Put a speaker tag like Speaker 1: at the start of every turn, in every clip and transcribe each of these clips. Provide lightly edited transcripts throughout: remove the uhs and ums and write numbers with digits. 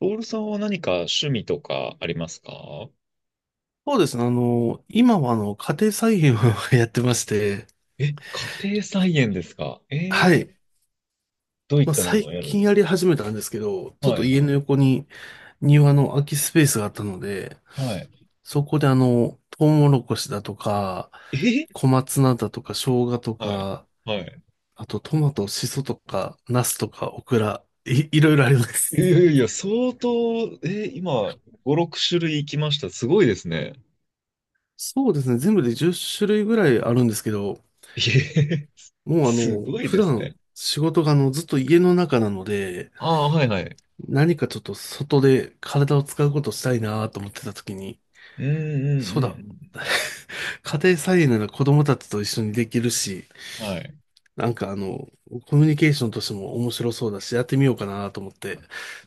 Speaker 1: ロールさんは何か趣味とかありますか？
Speaker 2: そうですね。今は家庭菜園を やってまして、
Speaker 1: え、家庭菜園ですか
Speaker 2: はい。
Speaker 1: どういっ
Speaker 2: まあ、
Speaker 1: たものを
Speaker 2: 最
Speaker 1: やるん
Speaker 2: 近
Speaker 1: です
Speaker 2: や
Speaker 1: か？
Speaker 2: り始めたんですけど、ちょっ
Speaker 1: は
Speaker 2: と
Speaker 1: い
Speaker 2: 家
Speaker 1: は
Speaker 2: の
Speaker 1: い。
Speaker 2: 横に庭の空きスペースがあったので、
Speaker 1: はい。
Speaker 2: そこでトウモロコシだとか、
Speaker 1: え、
Speaker 2: 小松菜だとか、生姜と
Speaker 1: はい。
Speaker 2: か、
Speaker 1: はい。
Speaker 2: あとトマト、シソとか、ナスとか、オクラ、いろいろあります。
Speaker 1: いやいやいや、相当、今、5、6種類いきました。すごいですね。
Speaker 2: そうですね。全部で10種類ぐらいあるんですけど、
Speaker 1: えへ、へ、
Speaker 2: もう
Speaker 1: すごい
Speaker 2: 普
Speaker 1: です
Speaker 2: 段
Speaker 1: ね。
Speaker 2: 仕事がずっと家の中なので、
Speaker 1: ああ、はいはい。
Speaker 2: 何かちょっと外で体を使うことしたいなと思ってた時に、
Speaker 1: うんうん
Speaker 2: そう
Speaker 1: う
Speaker 2: だ、
Speaker 1: ん
Speaker 2: 家庭菜園なら子供たちと一緒にできるし、
Speaker 1: うん。はい。
Speaker 2: なんかコミュニケーションとしても面白そうだし、やってみようかなと思って。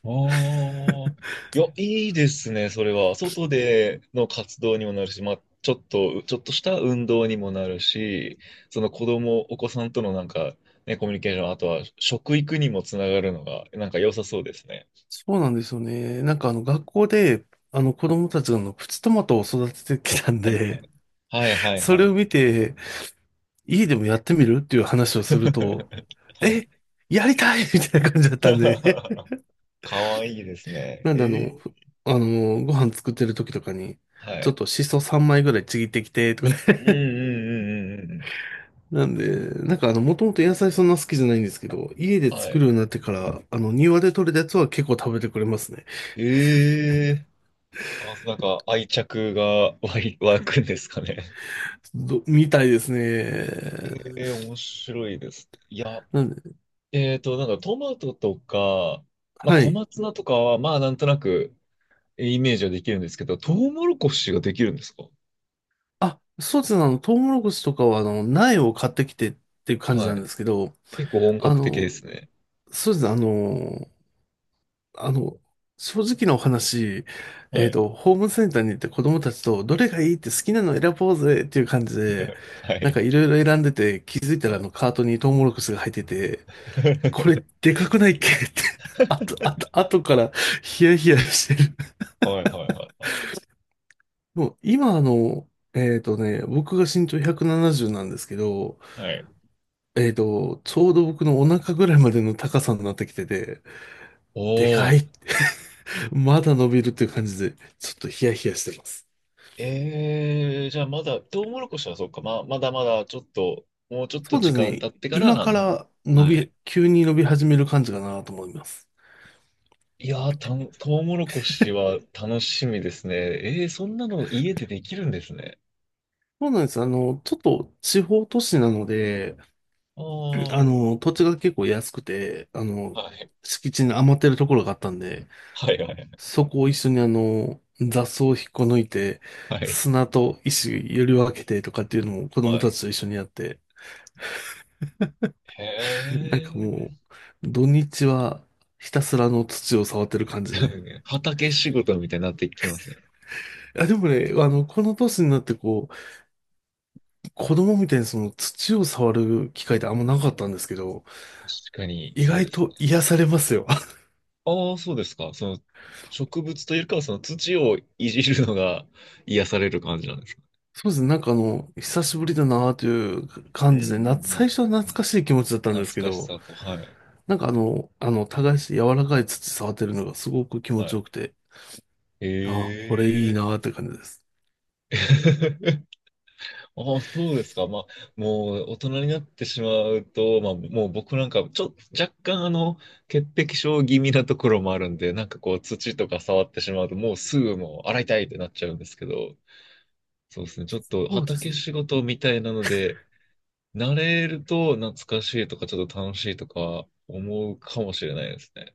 Speaker 1: ああ、いや、いいですね、それは。外での活動にもなるし、まあ、ちょっとした運動にもなるし、その子供、お子さんとのなんか、ね、コミュニケーション、あとは食育にもつながるのが、なんか良さそうですね。
Speaker 2: そうなんですよね。なんか学校で、子供たちがプチトマトを育ててきたん
Speaker 1: はいは
Speaker 2: で、
Speaker 1: い。はいはい
Speaker 2: そ
Speaker 1: は
Speaker 2: れ
Speaker 1: い。
Speaker 2: を見て、家でもやってみるっていう話をすると、
Speaker 1: は
Speaker 2: え、
Speaker 1: い。
Speaker 2: やりたいみたいな感じだったんで、
Speaker 1: かわいいですね。
Speaker 2: なん
Speaker 1: え
Speaker 2: であの、ふ
Speaker 1: え、
Speaker 2: あの、ご飯作ってる時とかに、
Speaker 1: は
Speaker 2: ちょっ
Speaker 1: い。
Speaker 2: とシソ3枚ぐらいちぎってきて、とかね。
Speaker 1: う んうんうんうんうん
Speaker 2: なんで、なんかもともと野菜そんな好きじゃないんですけど、家で
Speaker 1: うん。は
Speaker 2: 作るよ
Speaker 1: い。
Speaker 2: うになってから、庭で採れたやつは結構食べてくれますね。
Speaker 1: ええ、あ、なんか愛着が湧い、湧くんですかね。
Speaker 2: みたいですね。
Speaker 1: ええ、面白いですね。いや、
Speaker 2: なんで、
Speaker 1: なんかトマトとか、まあ
Speaker 2: は
Speaker 1: 小
Speaker 2: い。
Speaker 1: 松菜とかは、まあなんとなくイメージはできるんですけど、トウモロコシができるんですか？
Speaker 2: あ、そうですね、トウモロコシとかは、苗を買ってきてっていう感じ
Speaker 1: は
Speaker 2: なんで
Speaker 1: い。
Speaker 2: すけど、
Speaker 1: 結構本
Speaker 2: あ
Speaker 1: 格的で
Speaker 2: の、
Speaker 1: すね。
Speaker 2: そうですね。あの、正直なお話、
Speaker 1: はい。
Speaker 2: ホームセンターに行って子供たちと、どれがいいって好きなの選ぼうぜっていう感じで、
Speaker 1: は
Speaker 2: なん
Speaker 1: い。
Speaker 2: かいろいろ選んでて、気づいたら
Speaker 1: は
Speaker 2: あ
Speaker 1: い。
Speaker 2: のカートにトウモロコシが入ってて、これ でかくないっけって、あと、あと、あとからヒヤヒヤしてる。
Speaker 1: はいはいはいは
Speaker 2: もう今僕が身長170ななじゅうなんですけど、
Speaker 1: い。はい。
Speaker 2: ちょうど僕のお腹ぐらいまでの高さになってきてて、でか
Speaker 1: おー。
Speaker 2: い、まだ伸びるっていう感じで、ちょっとヒヤヒヤしてます。
Speaker 1: じゃあまだ、トウモロコシはそうか、まあ、まだまだちょっと、もうちょっと
Speaker 2: そうで
Speaker 1: 時
Speaker 2: す
Speaker 1: 間
Speaker 2: ね。
Speaker 1: 経ってから、
Speaker 2: 今
Speaker 1: はい。
Speaker 2: から急に伸び始める感じかなと思います。
Speaker 1: いやー、トウモロコシは楽しみですね。そんなの家でできるんですね。
Speaker 2: そうなんです。ちょっと地方都市なので、
Speaker 1: ああ、
Speaker 2: 土地が結構安くて、
Speaker 1: はい。
Speaker 2: 敷地に余ってるところがあったんで、
Speaker 1: はい、はい、
Speaker 2: そこを一緒に雑草を引っこ抜いて、
Speaker 1: はい。
Speaker 2: 砂と石より分けてとかっていうのを子
Speaker 1: は
Speaker 2: 供
Speaker 1: い。
Speaker 2: たちと一緒にやって、
Speaker 1: へ
Speaker 2: なんかも
Speaker 1: え。
Speaker 2: う、土日はひたすらあの土を触ってる感じで。
Speaker 1: 畑仕事みたいになってきますね。
Speaker 2: あ、でもね、この年になってこう、子供みたいにその土を触る機会ってあんまなかったんですけど、
Speaker 1: 確かに、
Speaker 2: 意
Speaker 1: そう
Speaker 2: 外
Speaker 1: ですね。
Speaker 2: と癒されますよ。
Speaker 1: ああ、そうですか。その、植物というか、その土をいじるのが癒される感じなんですか？
Speaker 2: そうですね、なんか久しぶりだなという
Speaker 1: う
Speaker 2: 感
Speaker 1: んう
Speaker 2: じで、
Speaker 1: ん
Speaker 2: 最初は
Speaker 1: うん。
Speaker 2: 懐かしい気持ちだったんですけ
Speaker 1: 懐かし
Speaker 2: ど、
Speaker 1: さと、はい。
Speaker 2: なんか耕して柔らかい土触ってるのがすごく気持
Speaker 1: は
Speaker 2: ちよ
Speaker 1: い。
Speaker 2: くて、ああ、これいい
Speaker 1: え
Speaker 2: なって感じです。
Speaker 1: え。ああ、そうですか。まあ、もう大人になってしまうと、まあ、もう僕なんか、ちょっと若干潔癖症気味なところもあるんで、なんかこう、土とか触ってしまうと、もうすぐもう洗いたいってなっちゃうんですけど、そうですね。ちょっと
Speaker 2: そうです
Speaker 1: 畑
Speaker 2: ね。
Speaker 1: 仕事みたいなので、慣れると懐かしいとか、ちょっと楽しいとか思うかもしれないですね。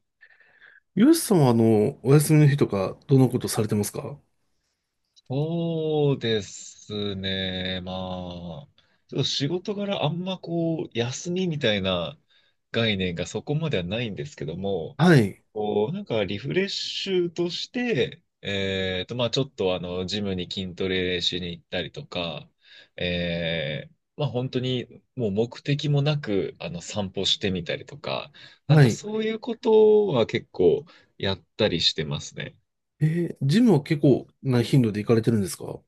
Speaker 2: ユースさんはお休みの日とか、どのことされてますか？
Speaker 1: そうですね。まあ、ちょっと仕事柄あんまこう、休みみたいな概念がそこまではないんですけども、
Speaker 2: はい、
Speaker 1: こう、なんかリフレッシュとして、まあちょっとジムに筋トレしに行ったりとか、えー、まあ本当にもう目的もなく、散歩してみたりとか、なん
Speaker 2: は
Speaker 1: か
Speaker 2: い。
Speaker 1: そういうことは結構やったりしてますね。
Speaker 2: ジムは結構な頻度で行かれてるんですか？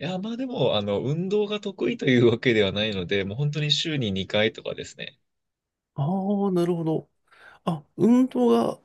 Speaker 1: いや、まあでも、運動が得意というわけではないので、もう本当に週に2回とかですね。
Speaker 2: ああー、なるほど。あ、運動が、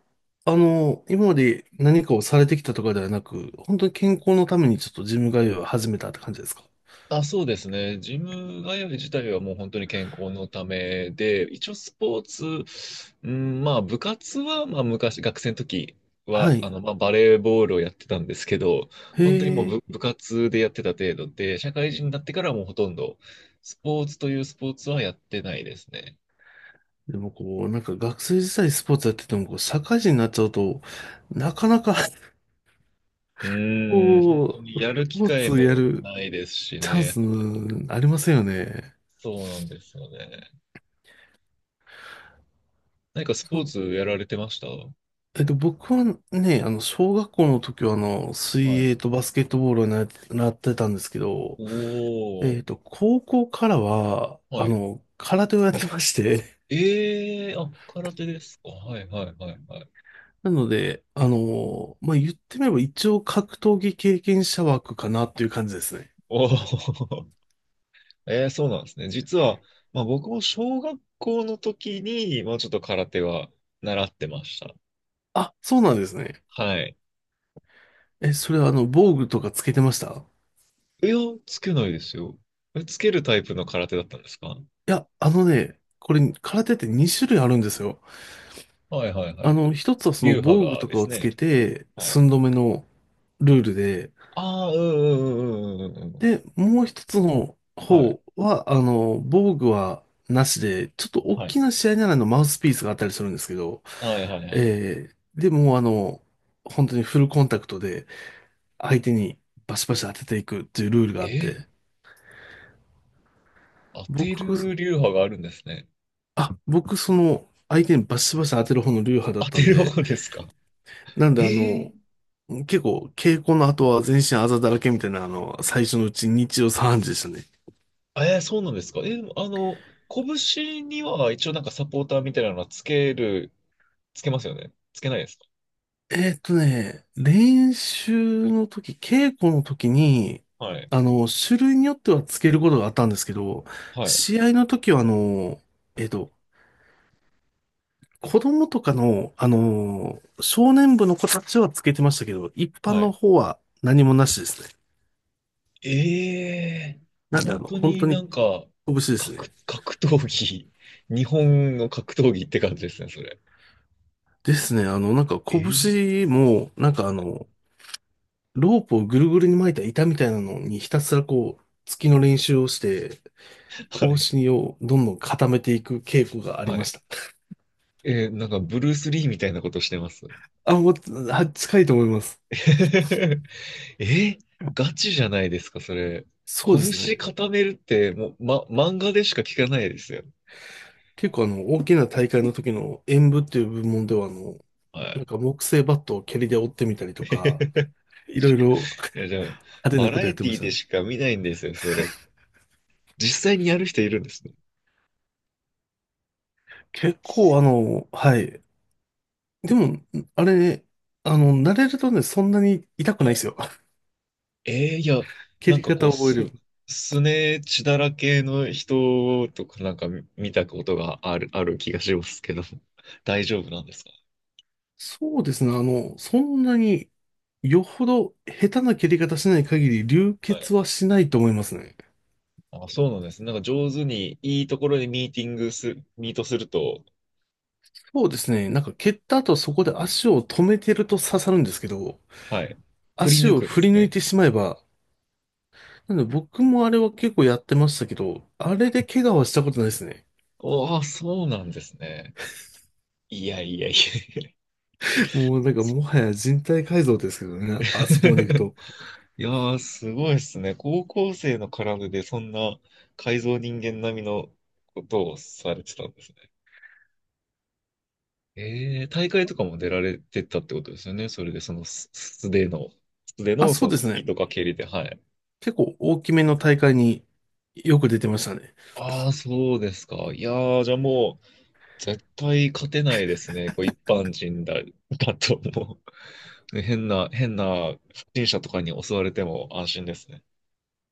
Speaker 2: 今まで何かをされてきたとかではなく、本当に健康のためにちょっとジム通いを始めたって感じですか？
Speaker 1: あ、そうですね。ジム通い自体はもう本当に健康のためで、一応スポーツ、うん、まあ部活は、まあ昔、学生の時
Speaker 2: は
Speaker 1: は、
Speaker 2: い。
Speaker 1: まあバレーボールをやってたんですけど、
Speaker 2: へ
Speaker 1: 本当にもう
Speaker 2: え。
Speaker 1: 部活でやってた程度で、社会人になってからはもうほとんどスポーツというスポーツはやってないですね。
Speaker 2: でもこう、なんか学生時代スポーツやってても、こう、社会人になっちゃうと、なかなか、
Speaker 1: う ん、本当
Speaker 2: こ
Speaker 1: に
Speaker 2: う、ス
Speaker 1: やる
Speaker 2: ポ
Speaker 1: 機
Speaker 2: ー
Speaker 1: 会
Speaker 2: ツや
Speaker 1: も
Speaker 2: る
Speaker 1: ないですし
Speaker 2: チャン
Speaker 1: ね。
Speaker 2: スありませんよね。
Speaker 1: そうなんですよね。何かス
Speaker 2: そ
Speaker 1: ポー
Speaker 2: う。
Speaker 1: ツやられてました？は
Speaker 2: 僕はね、小学校の時は、水
Speaker 1: い。
Speaker 2: 泳とバスケットボールをなってたんですけど、
Speaker 1: おー。
Speaker 2: 高校からは、
Speaker 1: はい。
Speaker 2: 空手をやってまして、
Speaker 1: あ、空手ですか。はいはいはいはい。
Speaker 2: なので、まあ、言ってみれば一応格闘技経験者枠かなっていう感じですね。
Speaker 1: おー。そうなんですね。実は、まあ僕も小学校の時に、まあちょっと空手は習ってました。
Speaker 2: あ、そうなんですね。
Speaker 1: はい。
Speaker 2: それは防具とかつけてました？
Speaker 1: いや、つけないですよ。つけるタイプの空手だったんですか？
Speaker 2: いや、あのね、これ、空手って2種類あるんですよ。
Speaker 1: はいはいはいはい。
Speaker 2: 一つはその
Speaker 1: 流派
Speaker 2: 防具
Speaker 1: が
Speaker 2: と
Speaker 1: で
Speaker 2: かを
Speaker 1: す
Speaker 2: つ
Speaker 1: ね。
Speaker 2: けて、
Speaker 1: はい。
Speaker 2: 寸止めのルールで、
Speaker 1: ああ、うんうんうんうんうんうんうん。
Speaker 2: で、もう一つの
Speaker 1: はい。
Speaker 2: 方は、防具はなしで、ちょっと大
Speaker 1: は
Speaker 2: き
Speaker 1: い。
Speaker 2: な試合ならのマウスピースがあったりするんですけど、
Speaker 1: はいはいはい。
Speaker 2: えでもう本当にフルコンタクトで相手にバシバシ当てていくっていうルールがあっ
Speaker 1: え
Speaker 2: て、
Speaker 1: 当て
Speaker 2: 僕、
Speaker 1: る流派があるんですね。
Speaker 2: 僕その相手にバシバシ当てる方の流派だっ
Speaker 1: 当
Speaker 2: た
Speaker 1: て
Speaker 2: ん
Speaker 1: る
Speaker 2: で、
Speaker 1: 方ですか？
Speaker 2: なん
Speaker 1: え
Speaker 2: で
Speaker 1: ー、
Speaker 2: 結構稽古の後は全身あざだらけみたいな最初のうち日曜3時でしたね。
Speaker 1: そうなんですか？拳には一応なんかサポーターみたいなのはつけますよね？つけないですか？
Speaker 2: 練習の時、稽古の時に、
Speaker 1: はい。
Speaker 2: 種類によってはつけることがあったんですけど、
Speaker 1: はい。
Speaker 2: 試合の時は、えーっと、子供とかの、少年部の子たちはつけてましたけど、一般
Speaker 1: は
Speaker 2: の
Speaker 1: い。
Speaker 2: 方は何もなしですね。
Speaker 1: ええ、
Speaker 2: なんで、
Speaker 1: 本当
Speaker 2: 本
Speaker 1: に
Speaker 2: 当
Speaker 1: な
Speaker 2: に
Speaker 1: んか、
Speaker 2: 拳ですね。
Speaker 1: 格闘技、日本の格闘技って感じですね、それ。
Speaker 2: ですね、なんか
Speaker 1: ええ、
Speaker 2: 拳も、なんかロープをぐるぐるに巻いた板みたいなのにひたすらこう、突きの練習をして、
Speaker 1: は
Speaker 2: 方
Speaker 1: い。
Speaker 2: 針をどんどん固めていく傾向があり
Speaker 1: は
Speaker 2: まし
Speaker 1: い。
Speaker 2: た。
Speaker 1: なんかブルース・リーみたいなことしてます。
Speaker 2: あ、もう、近いと思います。
Speaker 1: え、ガチじゃないですか、それ。
Speaker 2: そうです
Speaker 1: 拳
Speaker 2: ね。
Speaker 1: 固めるって、もう、ま、漫画でしか聞かないですよ。
Speaker 2: 結構大きな大会の時の演舞っていう部門では、
Speaker 1: は
Speaker 2: な
Speaker 1: い。
Speaker 2: んか木製バットを蹴りで折ってみたりと か、いろいろ
Speaker 1: いや、じゃあ、
Speaker 2: 派手な
Speaker 1: バ
Speaker 2: こ
Speaker 1: ラ
Speaker 2: とや
Speaker 1: エ
Speaker 2: ってま
Speaker 1: ティ
Speaker 2: した
Speaker 1: で
Speaker 2: ね。
Speaker 1: しか見ないんですよ、それ。実際にやる人いるんですね。
Speaker 2: 結構はい。でも、あれ、慣れるとね、そんなに痛く
Speaker 1: は
Speaker 2: ないです
Speaker 1: い。
Speaker 2: よ。
Speaker 1: いや、
Speaker 2: 蹴
Speaker 1: なん
Speaker 2: り
Speaker 1: かこ
Speaker 2: 方
Speaker 1: う、
Speaker 2: を覚える。
Speaker 1: すね血だらけの人とかなんか見たことがある気がしますけど、大丈夫なんですか？
Speaker 2: そうですね。そんなに、よほど下手な蹴り方しない限り流
Speaker 1: は
Speaker 2: 血
Speaker 1: い。
Speaker 2: はしないと思いますね。
Speaker 1: あ、そうなんです。なんか上手に、いいところでミートすると、
Speaker 2: そうですね。なんか蹴った後そこで足を止めてると刺さるんですけど、
Speaker 1: はい。振り
Speaker 2: 足
Speaker 1: 抜
Speaker 2: を
Speaker 1: くで
Speaker 2: 振り
Speaker 1: す
Speaker 2: 抜い
Speaker 1: ね。
Speaker 2: てしまえば、なんで僕もあれは結構やってましたけど、あれで怪我はしたことないですね。
Speaker 1: おー、そうなんですね。いやいやいや。
Speaker 2: もうなんか
Speaker 1: そ
Speaker 2: もはや人体改造ですけどね。あ そこまで行くと。
Speaker 1: いやー、すごいですね。高校生の絡みでそんな改造人間並みのことをされてたんですね。大会とかも出られてたってことですよね。それで、そのす素手
Speaker 2: あ、
Speaker 1: のそ
Speaker 2: そう
Speaker 1: の
Speaker 2: です
Speaker 1: 突き
Speaker 2: ね。
Speaker 1: とか蹴りで、はい。
Speaker 2: 結構大きめの大会によく出てましたね。
Speaker 1: ああ、そうですか。いやー、じゃあもう、絶対勝てないですね。こう一般人だと思う。ね、変な不審者とかに襲われても安心ですね。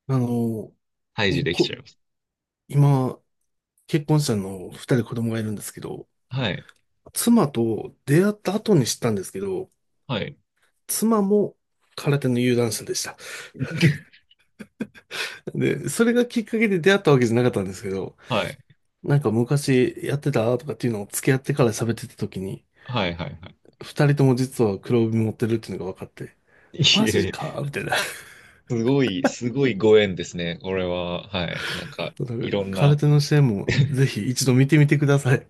Speaker 2: あの、
Speaker 1: 退治できち
Speaker 2: こ、
Speaker 1: ゃいます。
Speaker 2: 今、結婚したの二人子供がいるんですけど、
Speaker 1: はい。
Speaker 2: 妻と出会った後に知ったんですけど、
Speaker 1: はい。
Speaker 2: 妻も空手の有段者でした。で、それがきっかけで出会ったわけじゃなかったんですけど、
Speaker 1: はい。
Speaker 2: なんか昔やってたとかっていうのを付き合ってから喋ってた時に、
Speaker 1: はい。はい。は
Speaker 2: 二人とも実は黒帯持ってるっていうのが分かって、
Speaker 1: い。
Speaker 2: マ
Speaker 1: い
Speaker 2: ジ
Speaker 1: え、
Speaker 2: かみたいな。
Speaker 1: すごい、すごいご縁ですね。これは、はい。なんか、いろんな、
Speaker 2: 空手の試合もぜひ一度見てみてください。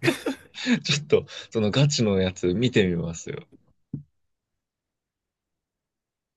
Speaker 1: ちょっと、そのガチのやつ見てみますよ。